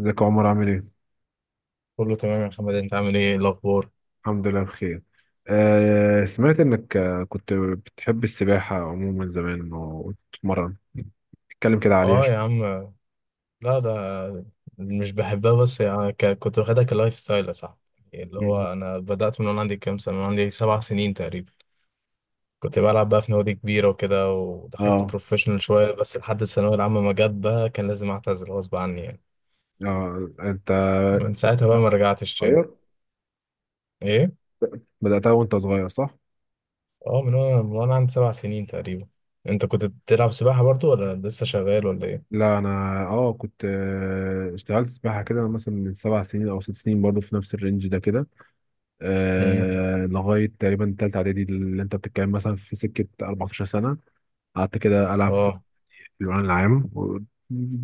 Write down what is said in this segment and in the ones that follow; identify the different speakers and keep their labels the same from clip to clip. Speaker 1: ازيك يا عمر عامل ايه؟
Speaker 2: كله تمام يا محمد، انت عامل ايه؟ إيه الاخبار؟
Speaker 1: الحمد لله بخير. سمعت انك كنت بتحب السباحة عموما زمان وتتمرن. اتكلم كده عليها
Speaker 2: اه يا
Speaker 1: شوية.
Speaker 2: عم. لا ده مش بحبها، بس يعني كنت واخدها كلايف ستايل يا صاحبي. يعني اللي
Speaker 1: مم.
Speaker 2: هو انا بدأت من وانا عندي كام سنة، من عندي 7 سنين تقريبا. كنت بلعب بقى في نوادي كبيرة وكده، ودخلت
Speaker 1: اه
Speaker 2: بروفيشنال شوية، بس لحد الثانوية العامة ما جت بقى كان لازم اعتزل غصب عني يعني.
Speaker 1: انت.
Speaker 2: من ساعتها بقى
Speaker 1: لا،
Speaker 2: ما رجعتش تاني.
Speaker 1: صغير،
Speaker 2: ايه؟
Speaker 1: بدأتها وانت صغير صح؟
Speaker 2: اه، من وانا عندي 7 سنين تقريبا. انت كنت بتلعب سباحة برضو ولا لسه شغال ولا ايه؟
Speaker 1: لا انا، اه كنت اشتغلت سباحة كده مثلا من سبع سنين او ست سنين برضو في نفس الرينج ده كده.
Speaker 2: امم.
Speaker 1: آه لغاية تقريبا تالتة اعدادي اللي انت بتتكلم مثلا في سكة 14 سنة، قعدت كده العب في
Speaker 2: اه
Speaker 1: الأمن العام.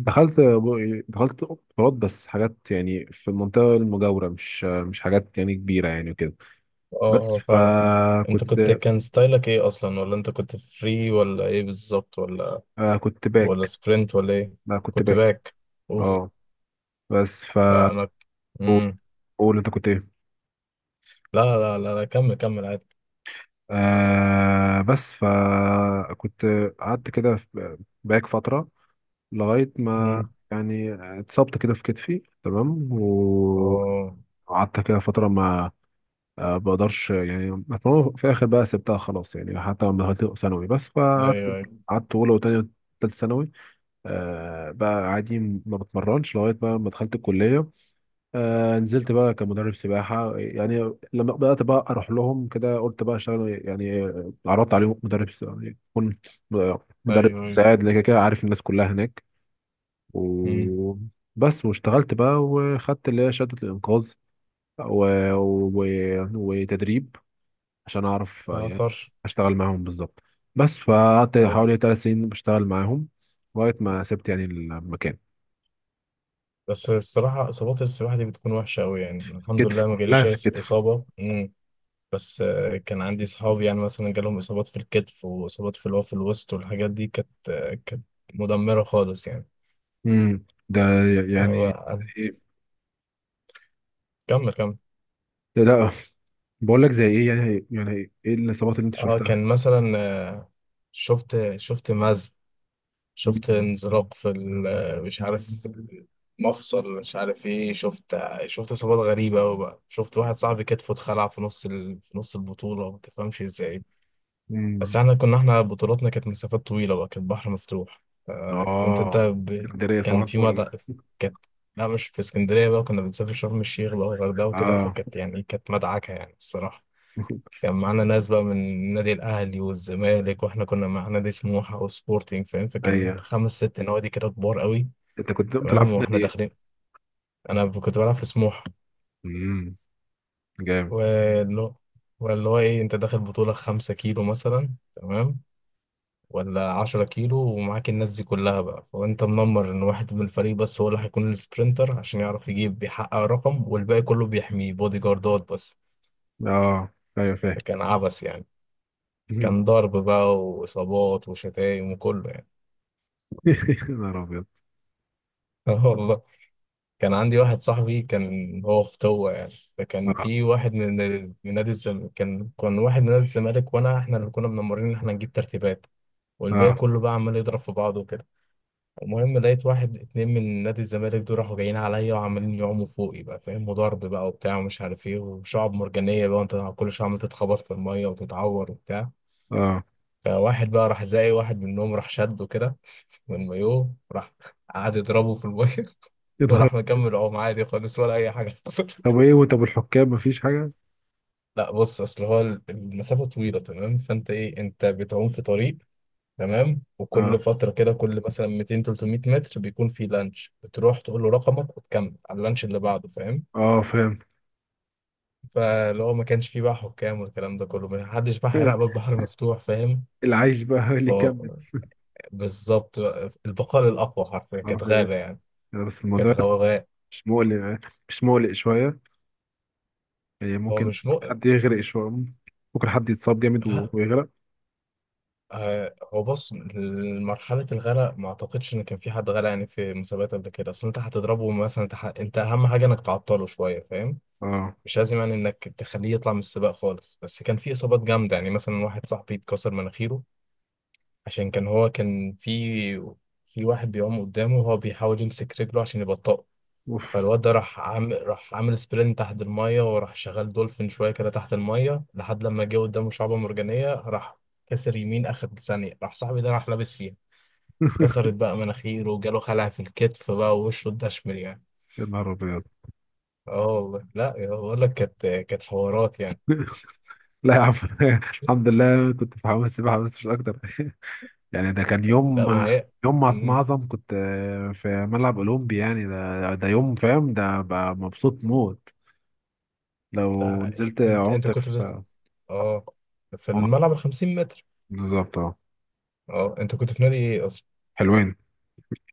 Speaker 1: دخلت دخلت اختبارات بس حاجات يعني في المنطقة المجاورة، مش حاجات يعني كبيرة يعني وكده.
Speaker 2: اه
Speaker 1: بس
Speaker 2: اه فاهم. انت كنت،
Speaker 1: فكنت
Speaker 2: كان ستايلك ايه اصلا؟ ولا انت كنت فري ولا ايه بالظبط؟ ولا
Speaker 1: كنت
Speaker 2: ولا
Speaker 1: باك.
Speaker 2: سبرنت ولا ايه؟
Speaker 1: آه، كنت
Speaker 2: كنت
Speaker 1: باك
Speaker 2: باك. اوف.
Speaker 1: اه بس ف،
Speaker 2: لا انا.
Speaker 1: قول،
Speaker 2: امم.
Speaker 1: قول انت كنت ايه.
Speaker 2: لا كمل كمل عادي.
Speaker 1: آه بس فكنت قعدت كده في باك فترة لغاية ما
Speaker 2: امم.
Speaker 1: يعني اتصبت كده في كتفي تمام.
Speaker 2: اه.
Speaker 1: وقعدت كده فترة ما، بقدرش يعني أتمنى. في الآخر بقى سبتها خلاص يعني، حتى لما دخلت ثانوي. بس فقعدت،
Speaker 2: ايوه ايوه
Speaker 1: أولى وتانية وتالتة ثانوي. آه بقى عادي، ما بتمرنش لغاية بقى ما دخلت الكلية. آه نزلت بقى كمدرب سباحة يعني. لما بدأت بقى أروح لهم كده قلت بقى أشتغل يعني. عرضت عليهم يعني أكون مدرب
Speaker 2: ايوه ايوه
Speaker 1: مساعد، لكن كده عارف الناس كلها هناك.
Speaker 2: امم.
Speaker 1: و بس، واشتغلت بقى وخدت اللي هي شهادة الإنقاذ و... و... وتدريب عشان اعرف
Speaker 2: اه
Speaker 1: يعني
Speaker 2: طرش.
Speaker 1: اشتغل معاهم بالظبط. بس فقعدت
Speaker 2: اه،
Speaker 1: حوالي ثلاث سنين بشتغل معاهم لغايه ما سبت يعني المكان.
Speaker 2: بس الصراحه اصابات السباحه دي بتكون وحشه قوي يعني، الحمد
Speaker 1: كتف،
Speaker 2: لله ما
Speaker 1: كلها
Speaker 2: جاليش أي
Speaker 1: في كتف.
Speaker 2: اصابه. امم. بس كان عندي صحابي يعني مثلا جالهم اصابات في الكتف واصابات في اللي هو في الوسط، والحاجات دي كانت، كانت مدمره خالص يعني.
Speaker 1: ده
Speaker 2: هو.
Speaker 1: يعني. إيه؟
Speaker 2: كمل كمل.
Speaker 1: لا بقول لك زي ايه يعني، يعني ايه الاصابات اللي انت
Speaker 2: اه
Speaker 1: شفتها.
Speaker 2: كان مثلا، شفت مزق، شفت انزلاق في مش عارف في المفصل، مش عارف ايه، شفت، شفت اصابات غريبه قوي بقى. شفت واحد صاحبي كتفه اتخلع في في نص البطوله، ما تفهمش ازاي. بس
Speaker 1: مم.
Speaker 2: احنا كنا، احنا بطولاتنا كانت مسافات طويله بقى، كانت بحر مفتوح. آه، كنت انت
Speaker 1: اه
Speaker 2: ب...
Speaker 1: اسكندرية صباح
Speaker 2: كان في
Speaker 1: الفل.
Speaker 2: مدى، كانت. لا مش في اسكندريه بقى، كنا بنسافر شرم الشيخ بقى والغردقه وكده،
Speaker 1: اه
Speaker 2: فكانت يعني كانت مدعكه يعني الصراحه. كان معانا ناس بقى من النادي الأهلي والزمالك، وإحنا كنا مع نادي سموحة وسبورتنج، فاهم؟ فكان
Speaker 1: ايوه.
Speaker 2: خمس ست نوادي كده كبار قوي.
Speaker 1: انت كنت بتلعب
Speaker 2: تمام،
Speaker 1: في نادي
Speaker 2: وإحنا
Speaker 1: ايه؟
Speaker 2: داخلين، أنا كنت بلعب في سموحة.
Speaker 1: امم، جامد.
Speaker 2: واللي هو، واللي هو إيه، أنت داخل بطولة 5 كيلو مثلا، تمام، ولا 10 كيلو، ومعاك الناس دي كلها بقى، فأنت منمر إن واحد من الفريق بس هو اللي هيكون السبرينتر عشان يعرف يجيب، بيحقق رقم، والباقي كله بيحميه بودي جاردات بس.
Speaker 1: اه ايوه فاهم.
Speaker 2: فكان عبث يعني، كان ضرب بقى وإصابات وشتايم وكله يعني.
Speaker 1: يا نهار ابيض.
Speaker 2: والله. كان عندي واحد صاحبي كان هو في طوة يعني. فكان
Speaker 1: اه
Speaker 2: في واحد من، من نادي الزمالك، كان كان واحد من نادي الزمالك، وانا احنا اللي كنا منمرين ان احنا نجيب ترتيبات، والباقي
Speaker 1: اه
Speaker 2: كله بقى عمال يضرب في بعضه وكده. المهم لقيت واحد اتنين من نادي الزمالك دول راحوا جايين عليا وعمالين يعوموا فوقي بقى، فاهم؟ وضرب بقى وبتاع ومش عارف ايه، وشعب مرجانية بقى، وانت كل شوية عمال تتخبط في المية وتتعور وبتاع.
Speaker 1: اه
Speaker 2: فواحد بقى راح، زي واحد منهم راح شده كده من المايوه، راح قعد يضربه في المية،
Speaker 1: يا نهار.
Speaker 2: وراح مكمل عوم عادي خالص ولا اي حاجه حصل.
Speaker 1: طب ايه، وطب الحكام مفيش حاجة؟
Speaker 2: لا بص، اصل هو المسافه طويله، تمام، فانت ايه، انت بتعوم في طريق، تمام، وكل
Speaker 1: اه
Speaker 2: فتره كده، كل مثلا 200 300 متر بيكون في لانش، بتروح تقول له رقمك وتكمل على اللانش اللي بعده، فاهم؟
Speaker 1: اه فاهم.
Speaker 2: فلو ما كانش فيه بقى حكام والكلام ده كله، ما حدش بقى هيراقبك، بحر مفتوح، فاهم؟
Speaker 1: العيش بقى هو اللي
Speaker 2: ف
Speaker 1: يكمل.
Speaker 2: بالظبط بقى، البقاء الاقوى حرفيا، كانت
Speaker 1: حرفيا.
Speaker 2: غابه يعني،
Speaker 1: أنا بس
Speaker 2: كانت
Speaker 1: الموضوع
Speaker 2: غوغاء.
Speaker 1: مش مقلق يعني، مش مقلق شوية يعني.
Speaker 2: هو
Speaker 1: ممكن
Speaker 2: مش مؤ
Speaker 1: حد يغرق شوية، ممكن حد يتصاب جامد
Speaker 2: لا،
Speaker 1: ويغرق.
Speaker 2: هو بص، مرحلة الغرق ما اعتقدش ان كان في حد غرق يعني في مسابقات قبل كده. اصل انت هتضربه مثلا، انت اهم حاجة انك تعطله شوية، فاهم؟
Speaker 1: اه
Speaker 2: مش لازم يعني انك تخليه يطلع من السباق خالص، بس كان في اصابات جامدة يعني، مثلا واحد صاحبي اتكسر مناخيره، عشان كان هو كان في، في واحد بيعوم قدامه وهو بيحاول يمسك رجله عشان يبطئه،
Speaker 1: اوف.
Speaker 2: فالواد ده راح عامل سبرنت تحت المية، وراح شغال دولفين شوية كده تحت المية، لحد لما جه قدامه شعبة مرجانية، راح كسر يمين آخر ثانية، راح صاحبي ده راح لابس فيها. كسرت بقى مناخيره وجاله خلع في الكتف بقى ووشه اتدشمل يعني.
Speaker 1: يا نهار ابيض.
Speaker 2: اه والله، لا يا- بقول لك كانت كانت حوارات يعني.
Speaker 1: لا يا عم. الحمد لله كنت في حمام السباحة بس مش أكتر. يعني ده كان يوم،
Speaker 2: لا ما هي.
Speaker 1: يوم ما
Speaker 2: مم.
Speaker 1: اتمعظم. كنت في ملعب أولمبي يعني. ده ده يوم فاهم، ده بقى مبسوط موت. لو
Speaker 2: لا
Speaker 1: نزلت
Speaker 2: انت،
Speaker 1: عمت في
Speaker 2: اه في الملعب ال 50 متر.
Speaker 1: بالظبط اه.
Speaker 2: اه انت كنت في نادي ايه اصلا؟
Speaker 1: حلوين،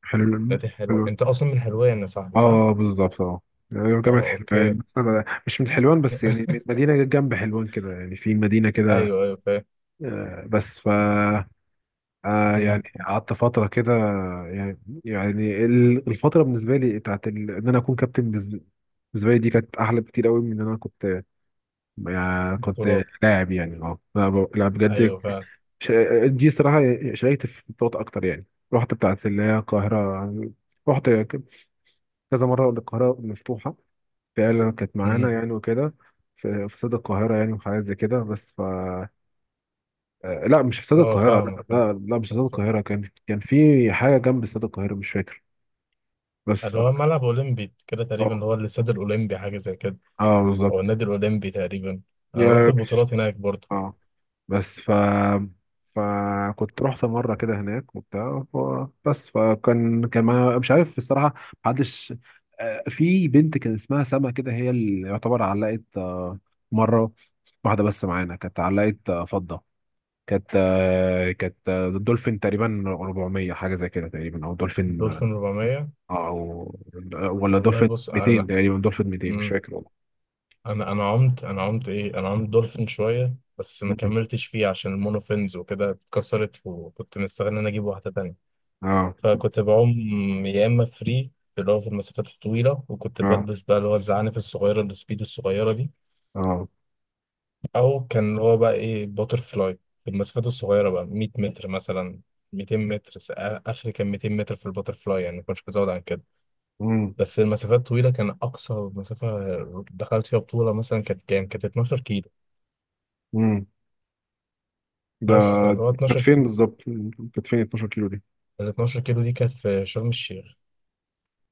Speaker 1: حلو
Speaker 2: نادي حلو،
Speaker 1: حلو.
Speaker 2: انت اصلا من حلوان يا صاحبي صح؟
Speaker 1: اه بالظبط اه، جامعة
Speaker 2: اه اوكي.
Speaker 1: حلوان. أنا مش من حلوان بس يعني من مدينة جنب حلوان كده، يعني في مدينة كده.
Speaker 2: ايوه فاهم.
Speaker 1: بس ف
Speaker 2: امم.
Speaker 1: يعني قعدت فترة كده يعني، يعني الفترة بالنسبة لي بتاعت إن أنا أكون كابتن. بالنسبة لي دي كانت أحلى بكتير قوي من إن أنا كنت، يعني كنت
Speaker 2: بطولات.
Speaker 1: لاعب يعني. اه لا بجد.
Speaker 2: ايوه فعلا.
Speaker 1: ش... دي صراحة، شاركت في بطولات أكتر يعني. رحت بتاعت اللي هي القاهرة. رحت ك- كذا مرة القاهرة مفتوحة فعلا كانت معانا
Speaker 2: امم.
Speaker 1: يعني وكده. في استاد القاهرة يعني وحاجات زي كده. بس ف لا مش في استاد
Speaker 2: اه
Speaker 1: القاهرة،
Speaker 2: فاهمك
Speaker 1: لا
Speaker 2: فاهم.
Speaker 1: لا, لا مش في استاد القاهرة. كان في حاجة جنب استاد القاهرة مش فاكر. بس
Speaker 2: اللي هو
Speaker 1: ف-
Speaker 2: ملعب اولمبي كده
Speaker 1: اه
Speaker 2: تقريبا، هو الاستاد الاولمبي حاجه زي كده،
Speaker 1: اه
Speaker 2: او
Speaker 1: بالظبط.
Speaker 2: النادي الاولمبي تقريبا. انا رحت
Speaker 1: يا مش-
Speaker 2: البطولات هناك برضه.
Speaker 1: اه. بس ف، فكنت رحت مره كده هناك وبتاع بس فكان، كان ما مش عارف الصراحه، محدش. في بنت كان اسمها سما كده، هي اللي يعتبر علقت مره واحده بس معانا، كانت علقت فضه. كانت دولفين تقريبا 400 حاجه زي كده تقريبا، او دولفين
Speaker 2: الدولفين 400.
Speaker 1: او ولا
Speaker 2: والله
Speaker 1: دولفين
Speaker 2: بص
Speaker 1: 200
Speaker 2: انا.
Speaker 1: تقريبا، دولفين 200 مش
Speaker 2: امم.
Speaker 1: فاكر والله.
Speaker 2: انا عمت، انا عمت ايه انا عمت دولفين شويه بس ما
Speaker 1: مم.
Speaker 2: كملتش فيه عشان المونوفينز وكده اتكسرت، وكنت مستني ان انا اجيب واحده تانية.
Speaker 1: اه
Speaker 2: فكنت بعوم يا اما فري في اللي هو في المسافات الطويله، وكنت
Speaker 1: اه
Speaker 2: بلبس بقى اللي هو الزعانف الصغيره، السبيدو الصغيره دي،
Speaker 1: اه.
Speaker 2: او كان اللي هو بقى ايه باتر فلاي في المسافات الصغيره بقى، 100 متر مثلا، 200 متر، اخر كان 200 متر في الباتر فلاي، يعني ما كنتش بزود عن كده.
Speaker 1: مم.
Speaker 2: بس المسافات الطويله كان اقصى مسافه دخلت فيها بطوله مثلا كانت كام، كانت 12 كيلو.
Speaker 1: مم. ده
Speaker 2: بس فاللي هو
Speaker 1: كانت
Speaker 2: 12،
Speaker 1: فين بالظبط، كانت فين 12 كيلو دي؟
Speaker 2: ال 12 كيلو دي كانت في شرم الشيخ.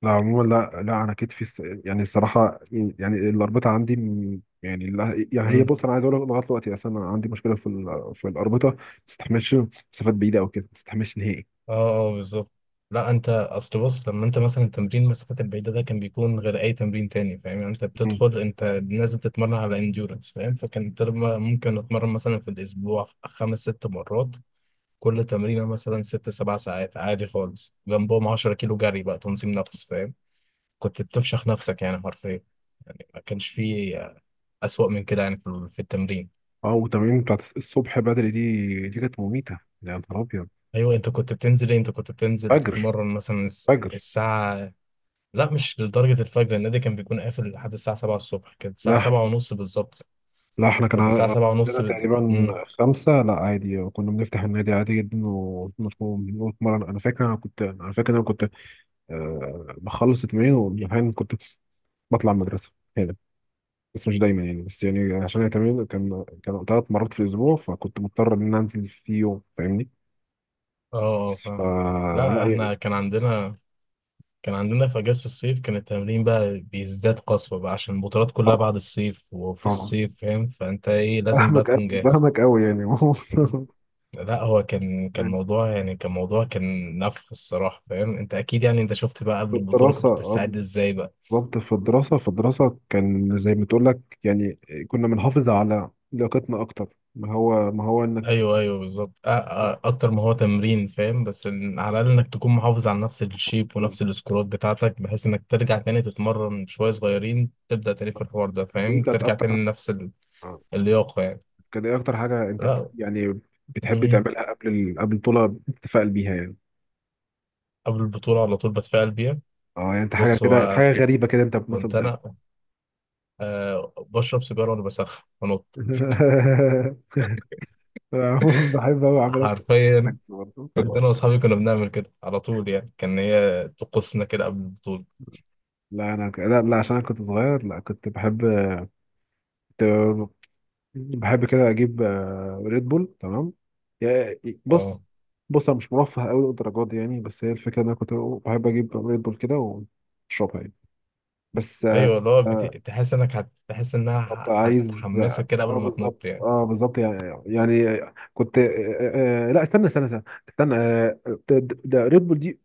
Speaker 1: لا عموما لا لا انا يعني الصراحه يعني الاربطه عندي يعني لا يعني هي،
Speaker 2: إمم.
Speaker 1: بص انا عايز اقول لك لغايه دلوقتي. اصل انا عندي مشكله في الاربطه، ما تستحملش مسافات بعيده او كده، ما تستحملش نهائي.
Speaker 2: اه اه بالظبط. لا انت اصل بص، لما انت مثلا تمرين المسافات البعيده ده كان بيكون غير اي تمرين تاني، فاهم؟ يعني انت
Speaker 1: مم.
Speaker 2: بتدخل، انت نازل تتمرن على انديورنس، فاهم؟ فكان ممكن اتمرن مثلا في الاسبوع خمس ست مرات، كل تمرينه مثلا ست سبع ساعات عادي خالص، جنبهم 10 كيلو جري بقى، تنظيم نفس، فاهم؟ كنت بتفشخ نفسك يعني حرفيا. يعني ما كانش فيه أسوأ من كده يعني في في التمرين.
Speaker 1: اه، والتمارين بتاعت الصبح بدري دي، كانت مميته يا نهار ابيض.
Speaker 2: أيوة، أنت كنت بتنزل إيه؟ أنت كنت بتنزل
Speaker 1: فجر
Speaker 2: تتمرن مثلا
Speaker 1: فجر.
Speaker 2: الساعة؟ لا مش لدرجة الفجر، النادي كان بيكون قافل لحد الساعة 7 الصبح، كانت الساعة
Speaker 1: لا
Speaker 2: 7:30 بالظبط.
Speaker 1: لا احنا
Speaker 2: كنت الساعة 7:30
Speaker 1: عندنا تقريبا
Speaker 2: مم.
Speaker 1: خمسة. لا عادي كنا بنفتح النادي عادي جدا ونتمرن. انا فاكر انا كنت، أه بخلص التمرين، واحيانا كنت بطلع المدرسه هنا، بس مش دايما يعني. بس يعني عشان التمرين كان ثلاث مرات في الاسبوع، فكنت مضطر ان أنا انزل في يوم فاهمني.
Speaker 2: اه اه
Speaker 1: ف،
Speaker 2: فاهم.
Speaker 1: لا
Speaker 2: لا
Speaker 1: يعني.
Speaker 2: احنا كان عندنا، كان عندنا في أجازة الصيف كان التمرين بقى بيزداد قسوة بقى، عشان البطولات كلها
Speaker 1: طبعا
Speaker 2: بعد الصيف وفي
Speaker 1: طبعا.
Speaker 2: الصيف، فاهم؟ فأنت ايه، لازم بقى تكون جاهز.
Speaker 1: فاهمك قوي يعني.
Speaker 2: مم. لا هو كان، كان
Speaker 1: يعني
Speaker 2: موضوع يعني، كان موضوع كان نفخ الصراحة، فاهم؟ انت اكيد يعني انت شفت بقى قبل
Speaker 1: في
Speaker 2: البطولة
Speaker 1: الدراسه
Speaker 2: كنت بتستعد ازاي بقى.
Speaker 1: بالظبط. في الدراسه كان زي ما تقول لك يعني. كنا بنحافظ على لياقتنا اكتر. ما هو انك
Speaker 2: ايوه بالظبط، اكتر ما هو تمرين، فاهم؟ بس إن على الاقل انك تكون محافظ على نفس الشيب ونفس السكورات بتاعتك، بحيث انك ترجع تاني تتمرن شويه صغيرين تبدا تاني في الحوار ده،
Speaker 1: دي
Speaker 2: فاهم؟
Speaker 1: كانت
Speaker 2: ترجع
Speaker 1: اكتر.
Speaker 2: تاني لنفس اللياقه يعني.
Speaker 1: كان ايه اكتر حاجه انت
Speaker 2: لا.
Speaker 1: يعني بتحب
Speaker 2: مم.
Speaker 1: تعملها قبل البطوله بتتفائل بيها يعني؟
Speaker 2: قبل البطوله على طول بتفائل بيها.
Speaker 1: اه يعني انت حاجه
Speaker 2: بص
Speaker 1: كده،
Speaker 2: هو،
Speaker 1: حاجه غريبه كده انت مثلا
Speaker 2: كنت
Speaker 1: بتعمل.
Speaker 2: انا، أه بشرب سيجاره وانا بسخن بنط.
Speaker 1: عموما بحب أوي أعملها في
Speaker 2: حرفيا،
Speaker 1: عكس برضه.
Speaker 2: كنت انا واصحابي كنا بنعمل كده على طول يعني، كان هي طقوسنا كده قبل البطوله.
Speaker 1: لا عشان انا كنت صغير. لا كنت بحب كنت بحب كده اجيب ريد بول تمام. يا-
Speaker 2: اه
Speaker 1: بص، انا مش مرفه قوي للدرجات دي يعني، بس هي الفكره ان انا كنت بحب اجيب ريد بول كده واشربها يعني. بس
Speaker 2: ايوه،
Speaker 1: آه،
Speaker 2: تحس انك تحس انها
Speaker 1: بالظبط عايز.
Speaker 2: هتحمسك كده قبل
Speaker 1: اه
Speaker 2: ما تنط
Speaker 1: بالظبط
Speaker 2: يعني.
Speaker 1: اه بالظبط يعني. يعني كنت لا، استنى آه ده, ريد بول دي،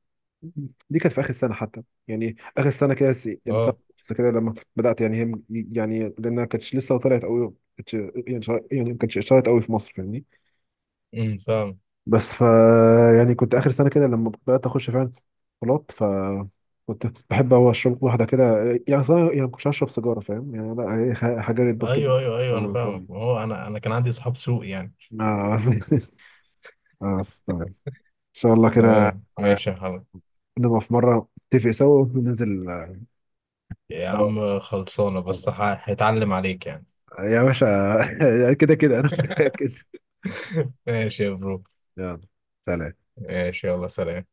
Speaker 1: دي كانت في اخر السنه حتى يعني. اخر السنه كده يعني سنه
Speaker 2: اه.
Speaker 1: ونص كده لما بدات يعني هي، يعني لانها كانتش لسه طلعت قوي كانتش يعني يعني ما كانتش اشتهرت قوي في مصر فاهمني.
Speaker 2: فاهم.
Speaker 1: بس ف، يعني كنت اخر سنه كده لما بدات اخش فعلا بلاط. ف كنت بحب هو اشرب واحده كده يعني، صراحه يعني ما كنتش هشرب سيجاره فاهم يعني. لا هي حاجه ريد بول كده.
Speaker 2: ايوه انا فاهمك، ما هو انا كان عندي صحاب سوء يعني.
Speaker 1: اه اه استنى. ان شاء الله كده
Speaker 2: تمام ماشي يا حبيبي.
Speaker 1: نبقى في مره نتفق سوا وننزل
Speaker 2: يا
Speaker 1: سوا.
Speaker 2: عم خلصانه، هيتعلم عليك يعني.
Speaker 1: يا باشا. كده كده انا متاكد.
Speaker 2: ماشي يا برو.
Speaker 1: يلا سلام.
Speaker 2: ماشي يلا سلام.